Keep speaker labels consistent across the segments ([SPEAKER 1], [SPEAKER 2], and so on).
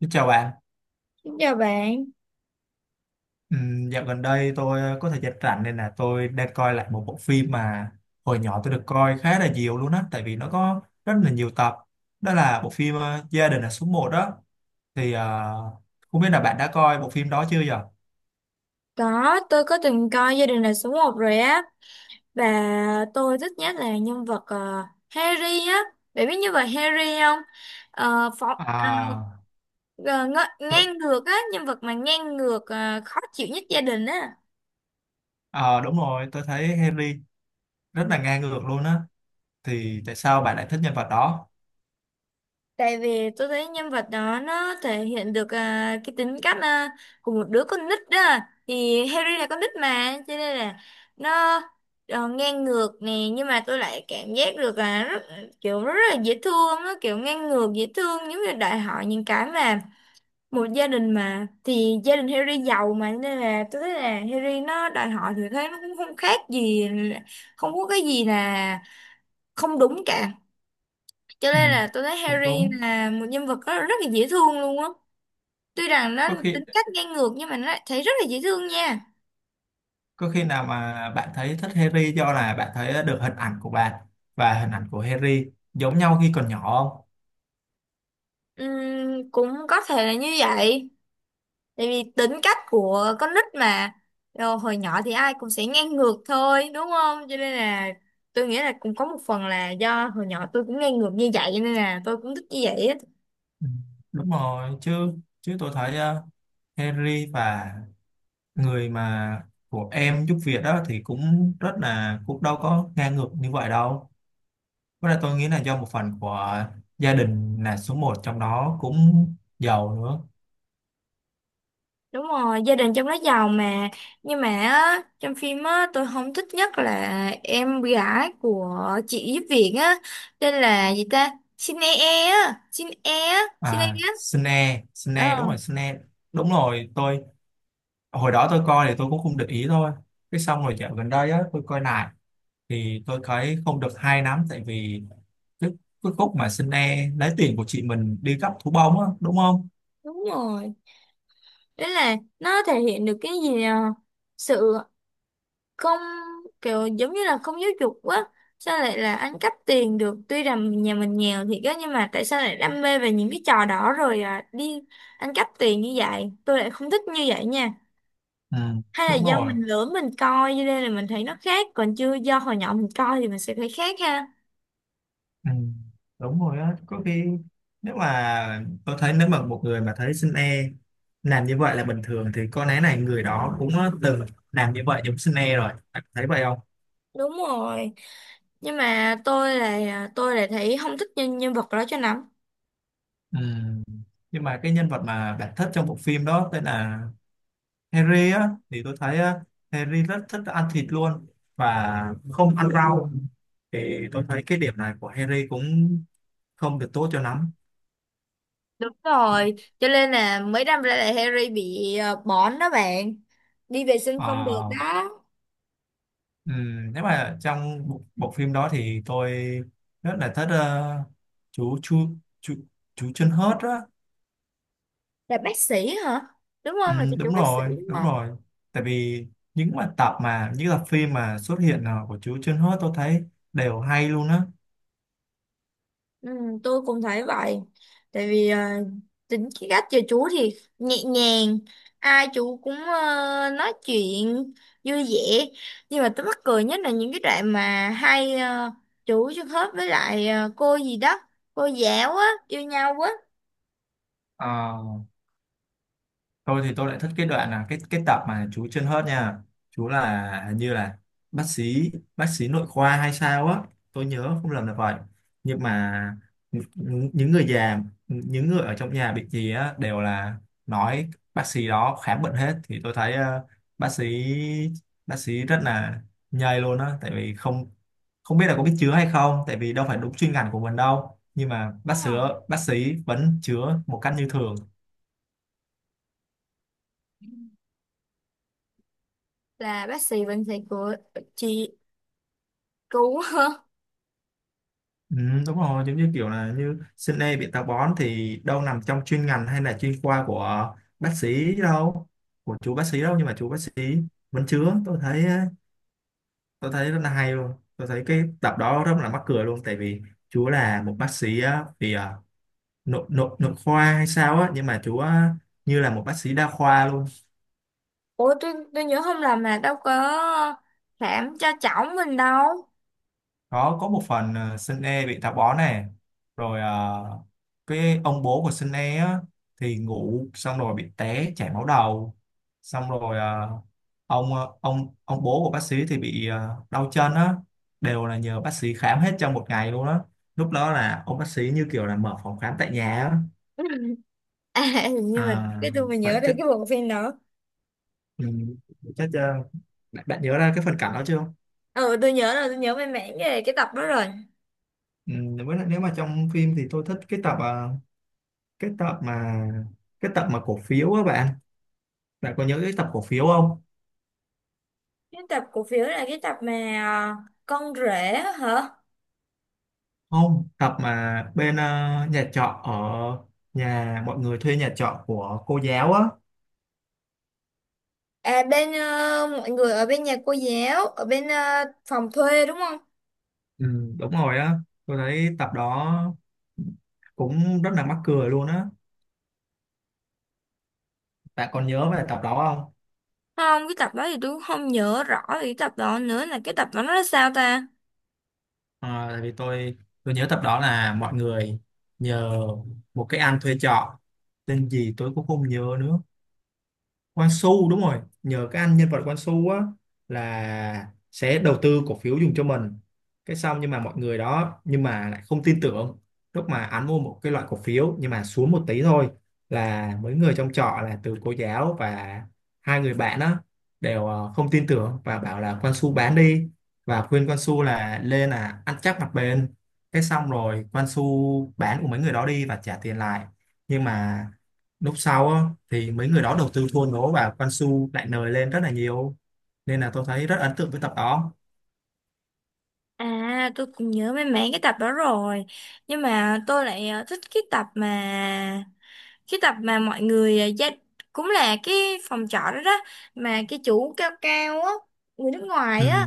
[SPEAKER 1] Xin chào bạn.
[SPEAKER 2] Xin chào bạn.
[SPEAKER 1] Dạo gần đây tôi có thời gian rảnh nên là tôi đang coi lại một bộ phim mà hồi nhỏ tôi được coi khá là nhiều luôn á, tại vì nó có rất là nhiều tập. Đó là bộ phim Gia đình là số một đó. Thì ờ, Không biết là bạn đã coi bộ phim đó chưa vậy?
[SPEAKER 2] Có tôi từng coi Gia đình là số một rồi á, và tôi thích nhất là nhân vật Harry á. Bạn biết nhân vật Harry không? Ờ, phó, à,
[SPEAKER 1] À,
[SPEAKER 2] ờ, ng
[SPEAKER 1] tôi,
[SPEAKER 2] Ngang ngược á, nhân vật mà ngang ngược khó chịu nhất gia đình á.
[SPEAKER 1] ờ, đúng rồi, tôi thấy Henry rất là ngang ngược luôn á. Thì tại sao bạn lại thích nhân vật đó?
[SPEAKER 2] Tại vì tôi thấy nhân vật đó nó thể hiện được cái tính cách của một đứa con nít đó. Thì Harry là con nít mà, cho nên là nó ngang ngược nè, nhưng mà tôi lại cảm giác được là rất, kiểu rất là dễ thương. Nó kiểu ngang ngược dễ thương, giống như đòi hỏi những cái mà một gia đình mà thì gia đình Harry giàu mà, cho nên là tôi thấy là Harry nó đòi hỏi thì thấy nó cũng không khác gì, không có cái gì là không đúng cả, cho
[SPEAKER 1] Ừ,
[SPEAKER 2] nên là tôi thấy
[SPEAKER 1] cũng
[SPEAKER 2] Harry
[SPEAKER 1] đúng.
[SPEAKER 2] là một nhân vật rất, rất là dễ thương luôn á. Tuy rằng nó
[SPEAKER 1] Có khi
[SPEAKER 2] tính cách ngang ngược nhưng mà nó lại thấy rất là dễ thương nha.
[SPEAKER 1] Có khi nào mà bạn thấy thích Harry do là bạn thấy được hình ảnh của bạn và hình ảnh của Harry giống nhau khi còn nhỏ không?
[SPEAKER 2] Cũng có thể là như vậy, tại vì tính cách của con nít mà. Rồi, hồi nhỏ thì ai cũng sẽ ngang ngược thôi đúng không, cho nên là tôi nghĩ là cũng có một phần là do hồi nhỏ tôi cũng ngang ngược như vậy, cho nên là tôi cũng thích như vậy á.
[SPEAKER 1] Ừ, đúng rồi, chứ chứ tôi thấy Harry và người mà của em giúp việc đó thì cũng rất là cũng đâu có ngang ngược như vậy đâu. Với lại tôi nghĩ là do một phần của gia đình là số một trong đó cũng giàu nữa.
[SPEAKER 2] Đúng rồi, gia đình trong đó giàu mà. Nhưng mà á, trong phim á, tôi không thích nhất là em gái của chị giúp việc á. Tên là gì ta? Xin e e á. Xin e á. Xin e
[SPEAKER 1] À,
[SPEAKER 2] á.
[SPEAKER 1] Snape,
[SPEAKER 2] Ờ,
[SPEAKER 1] Snape. Đúng rồi, tôi hồi đó tôi coi thì tôi cũng không để ý thôi, cái xong rồi dạo gần đây á tôi coi lại thì tôi thấy không được hay lắm, tại vì cái, cái khúc mà xin e lấy tiền của chị mình đi cắp thú bông á đúng không.
[SPEAKER 2] đúng rồi. Đấy là nó thể hiện được cái gì à? Sự không, kiểu giống như là không giáo dục quá. Sao lại là ăn cắp tiền được? Tuy rằng nhà mình nghèo thiệt á, nhưng mà tại sao lại đam mê về những cái trò đó rồi đi ăn cắp tiền như vậy? Tôi lại không thích như vậy nha.
[SPEAKER 1] Ừ,
[SPEAKER 2] Hay là
[SPEAKER 1] đúng
[SPEAKER 2] do
[SPEAKER 1] rồi.
[SPEAKER 2] mình lửa mình coi cho nên là mình thấy nó khác, còn chưa do hồi nhỏ mình coi thì mình sẽ thấy khác ha?
[SPEAKER 1] Ừ, đúng rồi á, có khi nếu mà tôi thấy nếu mà một người mà thấy xin e làm như vậy là bình thường thì có lẽ này người đó cũng từng làm như vậy giống xin e rồi, bạn thấy vậy không?
[SPEAKER 2] Đúng rồi, nhưng mà tôi là thấy không thích nhân nhân vật đó cho lắm.
[SPEAKER 1] Ừ. Nhưng mà cái nhân vật mà bạn thích trong bộ phim đó tên là Harry á thì tôi thấy á, Harry rất thích ăn thịt luôn và không ăn rau, thì tôi thấy cái điểm này của Harry cũng không được tốt cho lắm.
[SPEAKER 2] Đúng rồi, cho nên là mấy năm ra là Harry bị bỏng đó bạn, đi vệ sinh không được
[SPEAKER 1] Ờ,
[SPEAKER 2] đó.
[SPEAKER 1] Nếu mà trong bộ phim đó thì tôi rất là thích chú chú chú chú chân hớt á.
[SPEAKER 2] Là bác sĩ hả, đúng không? Là cho chủ
[SPEAKER 1] Đúng
[SPEAKER 2] bác sĩ
[SPEAKER 1] rồi
[SPEAKER 2] đúng
[SPEAKER 1] đúng
[SPEAKER 2] không?
[SPEAKER 1] rồi, tại vì những tập phim mà xuất hiện của chú chân hớt tôi thấy đều hay luôn á.
[SPEAKER 2] Ừ, tôi cũng thấy vậy, tại vì tính cái cách chơi chú thì nhẹ nhàng, ai chú cũng nói chuyện vui vẻ. Nhưng mà tôi mắc cười nhất là những cái đoạn mà hai chú Xuân Hớp với lại cô gì đó, cô giáo á, yêu nhau á.
[SPEAKER 1] Ờ, thôi thì tôi lại thích cái đoạn là cái tập mà chú chân hớt nha. Chú là hình như là bác sĩ bác sĩ nội khoa hay sao á, tôi nhớ không lầm là vậy. Nhưng mà những người già, những người ở trong nhà bị gì á đều là nói bác sĩ đó khám bệnh hết, thì tôi thấy bác sĩ bác sĩ rất là nhây luôn á, tại vì không không biết là có biết chữa hay không, tại vì đâu phải đúng chuyên ngành của mình đâu, nhưng mà
[SPEAKER 2] Đúng rồi.
[SPEAKER 1] bác sĩ vẫn chữa một cách như thường.
[SPEAKER 2] Là bác sĩ bệnh sĩ của chị chú.
[SPEAKER 1] Ừ, đúng rồi, giống như kiểu là như sinh e bị táo bón thì đâu nằm trong chuyên ngành hay là chuyên khoa của bác sĩ đâu, của chú bác sĩ đâu, nhưng mà chú bác sĩ vẫn chứa, tôi thấy rất là hay luôn. Tôi thấy cái tập đó rất là mắc cười luôn, tại vì chú là một bác sĩ á, nội nội nội khoa hay sao á, nhưng mà chú á, như là một bác sĩ đa khoa luôn.
[SPEAKER 2] Ủa, tôi nhớ không lầm là đâu có khám cho cháu mình đâu.
[SPEAKER 1] Có một phần Sun E bị táo bón này rồi cái ông bố của Sun E á, thì ngủ xong rồi bị té chảy máu đầu, xong rồi ông bố của bác sĩ thì bị đau chân á, đều là nhờ bác sĩ khám hết trong một ngày luôn á, lúc đó là ông bác sĩ như kiểu là mở phòng khám tại nhà á.
[SPEAKER 2] À, hình như mình
[SPEAKER 1] À,
[SPEAKER 2] cái tôi mà
[SPEAKER 1] vậy
[SPEAKER 2] nhớ đây
[SPEAKER 1] chắc,
[SPEAKER 2] cái bộ phim đó.
[SPEAKER 1] ừ, chắc bạn nhớ ra cái phần cảnh đó chưa?
[SPEAKER 2] Ừ, tôi nhớ rồi, tôi nhớ về mảng về cái tập đó rồi.
[SPEAKER 1] Ừ, với lại nếu mà trong phim thì tôi thích cái tập mà cái tập mà cổ phiếu á bạn, bạn có nhớ cái tập cổ phiếu không?
[SPEAKER 2] Cái tập cổ phiếu là cái tập mà con rể á hả?
[SPEAKER 1] Không, tập mà bên nhà trọ ở nhà mọi người thuê nhà trọ của cô giáo á.
[SPEAKER 2] À, bên mọi người ở bên nhà cô giáo ở bên phòng thuê đúng không?
[SPEAKER 1] Ừ, đúng rồi á, tôi thấy tập đó cũng rất là mắc cười luôn á, bạn còn nhớ về tập đó không?
[SPEAKER 2] Không, cái tập đó thì tôi cũng không nhớ rõ về cái tập đó nữa, là cái tập đó nó là sao ta?
[SPEAKER 1] Ờ, tại vì tôi nhớ tập đó là mọi người nhờ một cái anh thuê trọ, tên gì tôi cũng không nhớ nữa, Quan Su đúng rồi, nhờ cái anh nhân vật Quan Su á là sẽ đầu tư cổ phiếu dùng cho mình, cái xong nhưng mà mọi người đó nhưng mà lại không tin tưởng, lúc mà anh mua một cái loại cổ phiếu nhưng mà xuống một tí thôi là mấy người trong trọ là từ cô giáo và hai người bạn á đều không tin tưởng và bảo là Quan Su bán đi, và khuyên Quan Su là lên là ăn chắc mặt bền, cái xong rồi Quan Su bán của mấy người đó đi và trả tiền lại, nhưng mà lúc sau á, thì mấy người đó đầu tư thua lỗ và Quan Su lại nời lên rất là nhiều, nên là tôi thấy rất ấn tượng với tập đó.
[SPEAKER 2] À, tôi cũng nhớ mấy mảng cái tập đó rồi, nhưng mà tôi lại thích cái tập mà, cái tập mà mọi người à, gia cũng là cái phòng trọ đó đó, mà cái chú cao cao á, người nước
[SPEAKER 1] Ừ.
[SPEAKER 2] ngoài á,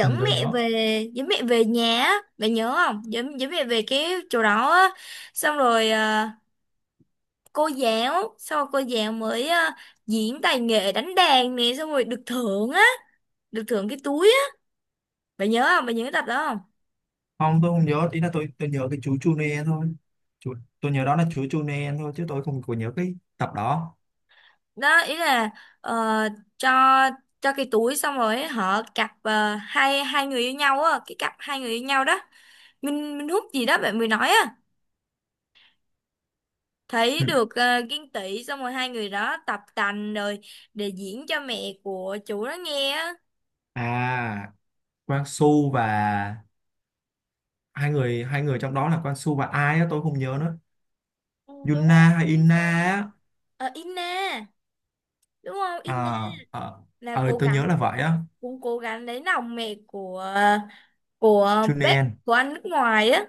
[SPEAKER 1] Ừ tôi
[SPEAKER 2] mẹ
[SPEAKER 1] nhớ.
[SPEAKER 2] về. Dẫn mẹ về nhà á, bạn nhớ không? Dẫn dẫn mẹ về cái chỗ đó á, xong rồi cô giáo, xong rồi cô giáo mới diễn tài nghệ đánh đàn nè, xong rồi được thưởng á, được thưởng cái túi á. Bạn nhớ không, bạn nhớ cái tập đó không?
[SPEAKER 1] Không, tôi không nhớ, ý là tôi nhớ cái chú Chune thôi, chú, tôi nhớ đó là chú Chune thôi chứ tôi không có nhớ cái tập đó.
[SPEAKER 2] Đó ý là ờ, cho cho cái túi xong rồi họ cặp hai hai người yêu nhau á, cái cặp hai người yêu nhau đó, Minh Minh Húc gì đó bạn mới nói á, thấy
[SPEAKER 1] Ừ.
[SPEAKER 2] được Kiên Tỷ, xong rồi hai người đó tập tành rồi để diễn cho mẹ của chủ đó nghe á.
[SPEAKER 1] À, Quang Su và hai người trong đó là Quang Su và ai á tôi không nhớ nữa.
[SPEAKER 2] Ừ,
[SPEAKER 1] Yuna
[SPEAKER 2] đúng
[SPEAKER 1] hay
[SPEAKER 2] rồi,
[SPEAKER 1] Ina
[SPEAKER 2] sao?
[SPEAKER 1] á?
[SPEAKER 2] Ờ, Inna, đúng không, Inna?
[SPEAKER 1] À,
[SPEAKER 2] Là
[SPEAKER 1] à,
[SPEAKER 2] cố
[SPEAKER 1] tôi nhớ
[SPEAKER 2] gắng,
[SPEAKER 1] là vậy á.
[SPEAKER 2] cũng cố gắng lấy lòng mẹ của bác,
[SPEAKER 1] Chunen.
[SPEAKER 2] của anh nước ngoài á.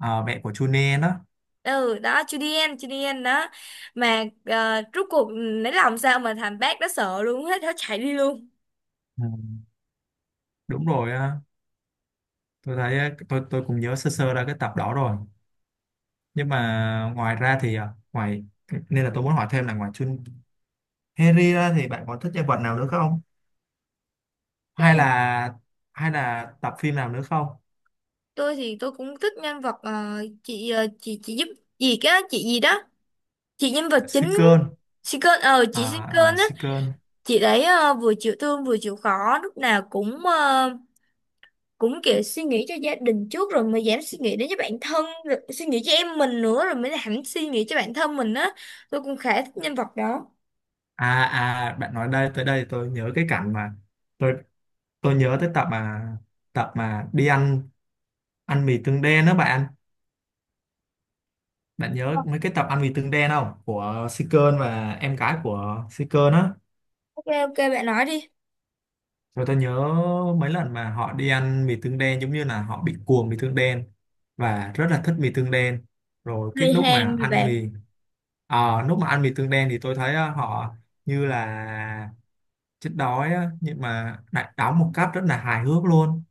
[SPEAKER 1] À, mẹ của Chunen á.
[SPEAKER 2] Ừ đó, Julian, Julian đó. Mà rốt cuộc lấy lòng sao mà thằng bác đó sợ luôn, hết nó chạy đi luôn.
[SPEAKER 1] Ừ. Đúng rồi, tôi thấy á, tôi cũng nhớ sơ sơ ra cái tập đó rồi, nhưng mà ngoài ra thì à, ngoài nên là tôi muốn hỏi thêm là ngoài Chun, Harry ra thì bạn có thích nhân vật nào nữa không, hay là hay là tập phim nào nữa không?
[SPEAKER 2] Tôi thì tôi cũng thích nhân vật chị, chị giúp gì á, chị gì đó, chị nhân vật chính,
[SPEAKER 1] Seeker.
[SPEAKER 2] Sinclair, ờ chị
[SPEAKER 1] À, à
[SPEAKER 2] Sinclair á.
[SPEAKER 1] Seeker.
[SPEAKER 2] Chị đấy vừa chịu thương vừa chịu khó, lúc nào cũng cũng kiểu suy nghĩ cho gia đình trước rồi mới dám suy nghĩ đến cho bản thân, rồi suy nghĩ cho em mình nữa rồi mới dám suy nghĩ cho bản thân mình á. Tôi cũng khá thích nhân vật đó.
[SPEAKER 1] À, à bạn nói đây tới đây tôi nhớ cái cảnh mà, tôi tôi nhớ tới tập mà đi ăn, ăn mì tương đen đó bạn, bạn
[SPEAKER 2] Ờ,
[SPEAKER 1] nhớ mấy cái tập ăn mì tương đen không, của Seeker và em gái của Seeker đó.
[SPEAKER 2] ok ok bạn nói đi.
[SPEAKER 1] Rồi tôi nhớ mấy lần mà họ đi ăn mì tương đen giống như là họ bị cuồng mì tương đen và rất là thích mì tương đen. Rồi cái
[SPEAKER 2] Người
[SPEAKER 1] lúc
[SPEAKER 2] Hàn
[SPEAKER 1] mà
[SPEAKER 2] mà
[SPEAKER 1] ăn mì
[SPEAKER 2] bạn.
[SPEAKER 1] à, Lúc mà ăn mì tương đen thì tôi thấy họ như là chết đói á, nhưng mà lại đóng một cách rất là hài hước luôn.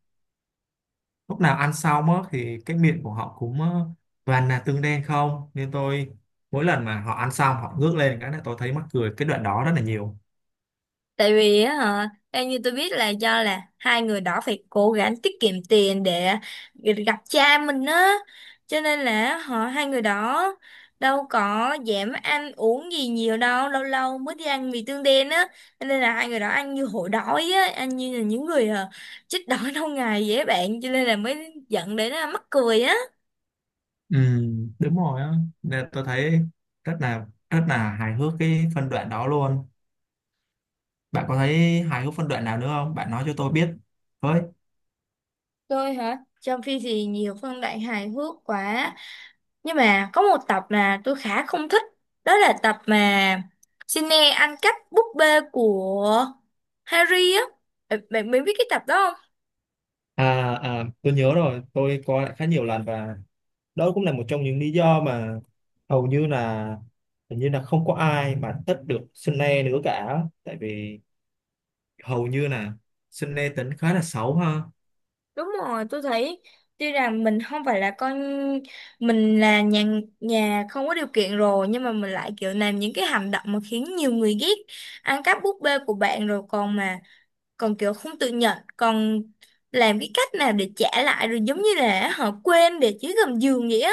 [SPEAKER 1] Lúc nào ăn xong á, thì cái miệng của họ cũng toàn là tương đen không, nên tôi mỗi lần mà họ ăn xong họ ngước lên cái là tôi thấy mắc cười cái đoạn đó rất là nhiều.
[SPEAKER 2] Tại vì á hả, theo như tôi biết là do là hai người đó phải cố gắng tiết kiệm tiền để gặp cha mình á, cho nên là họ, hai người đó đâu có dám ăn uống gì nhiều đâu, lâu lâu mới đi ăn mì tương đen á, cho nên là hai người đó ăn như hổ đói á, ăn như là những người chết đói lâu ngày dễ bạn, cho nên là mới dẫn đến là mắc cười á.
[SPEAKER 1] Ừ, đúng rồi á, nên tôi thấy rất là hài hước cái phân đoạn đó luôn, bạn có thấy hài hước phân đoạn nào nữa không bạn nói cho tôi biết với.
[SPEAKER 2] Tôi hả, trong phim thì nhiều phân đoạn hài hước quá. Nhưng mà có một tập mà tôi khá không thích. Đó là tập mà Sydney ăn cắp búp bê của Harry á. Bạn bạn biết cái tập đó không?
[SPEAKER 1] À, à tôi nhớ rồi, tôi coi lại khá nhiều lần và đó cũng là một trong những lý do mà hầu như là hình như là không có ai mà thích được Sunny nữa cả, tại vì hầu như là Sunny tính khá là xấu ha.
[SPEAKER 2] Đúng rồi, tôi thấy tuy rằng mình không phải là con, mình là nhà, nhà không có điều kiện rồi, nhưng mà mình lại kiểu làm những cái hành động mà khiến nhiều người ghét. Ăn cắp búp bê của bạn rồi còn mà, còn kiểu không tự nhận, còn làm cái cách nào để trả lại rồi giống như là họ quên để dưới gầm giường vậy á.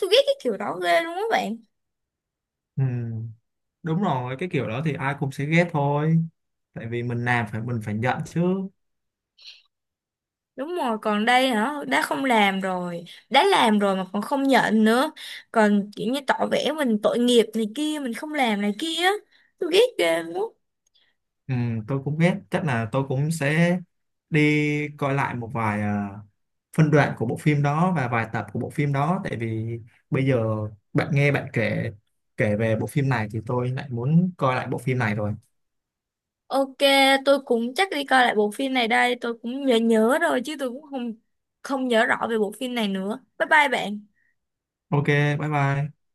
[SPEAKER 2] Tôi ghét cái kiểu đó ghê luôn á bạn.
[SPEAKER 1] Ừ, đúng rồi, cái kiểu đó thì ai cũng sẽ ghét thôi, tại vì mình làm phải mình phải nhận chứ.
[SPEAKER 2] Đúng rồi, còn đây hả, đã không làm rồi, đã làm rồi mà còn không nhận nữa. Còn kiểu như tỏ vẻ mình tội nghiệp này kia, mình không làm này kia. Tôi ghét ghê lắm.
[SPEAKER 1] Ừ, tôi cũng biết chắc là tôi cũng sẽ đi coi lại một vài phân đoạn của bộ phim đó và vài tập của bộ phim đó, tại vì bây giờ bạn nghe bạn kể, kể về bộ phim này thì tôi lại muốn coi lại bộ phim này rồi.
[SPEAKER 2] Ok, tôi cũng chắc đi coi lại bộ phim này đây, tôi cũng nhớ nhớ rồi chứ tôi cũng không không nhớ rõ về bộ phim này nữa. Bye bye bạn.
[SPEAKER 1] Ok, bye bye.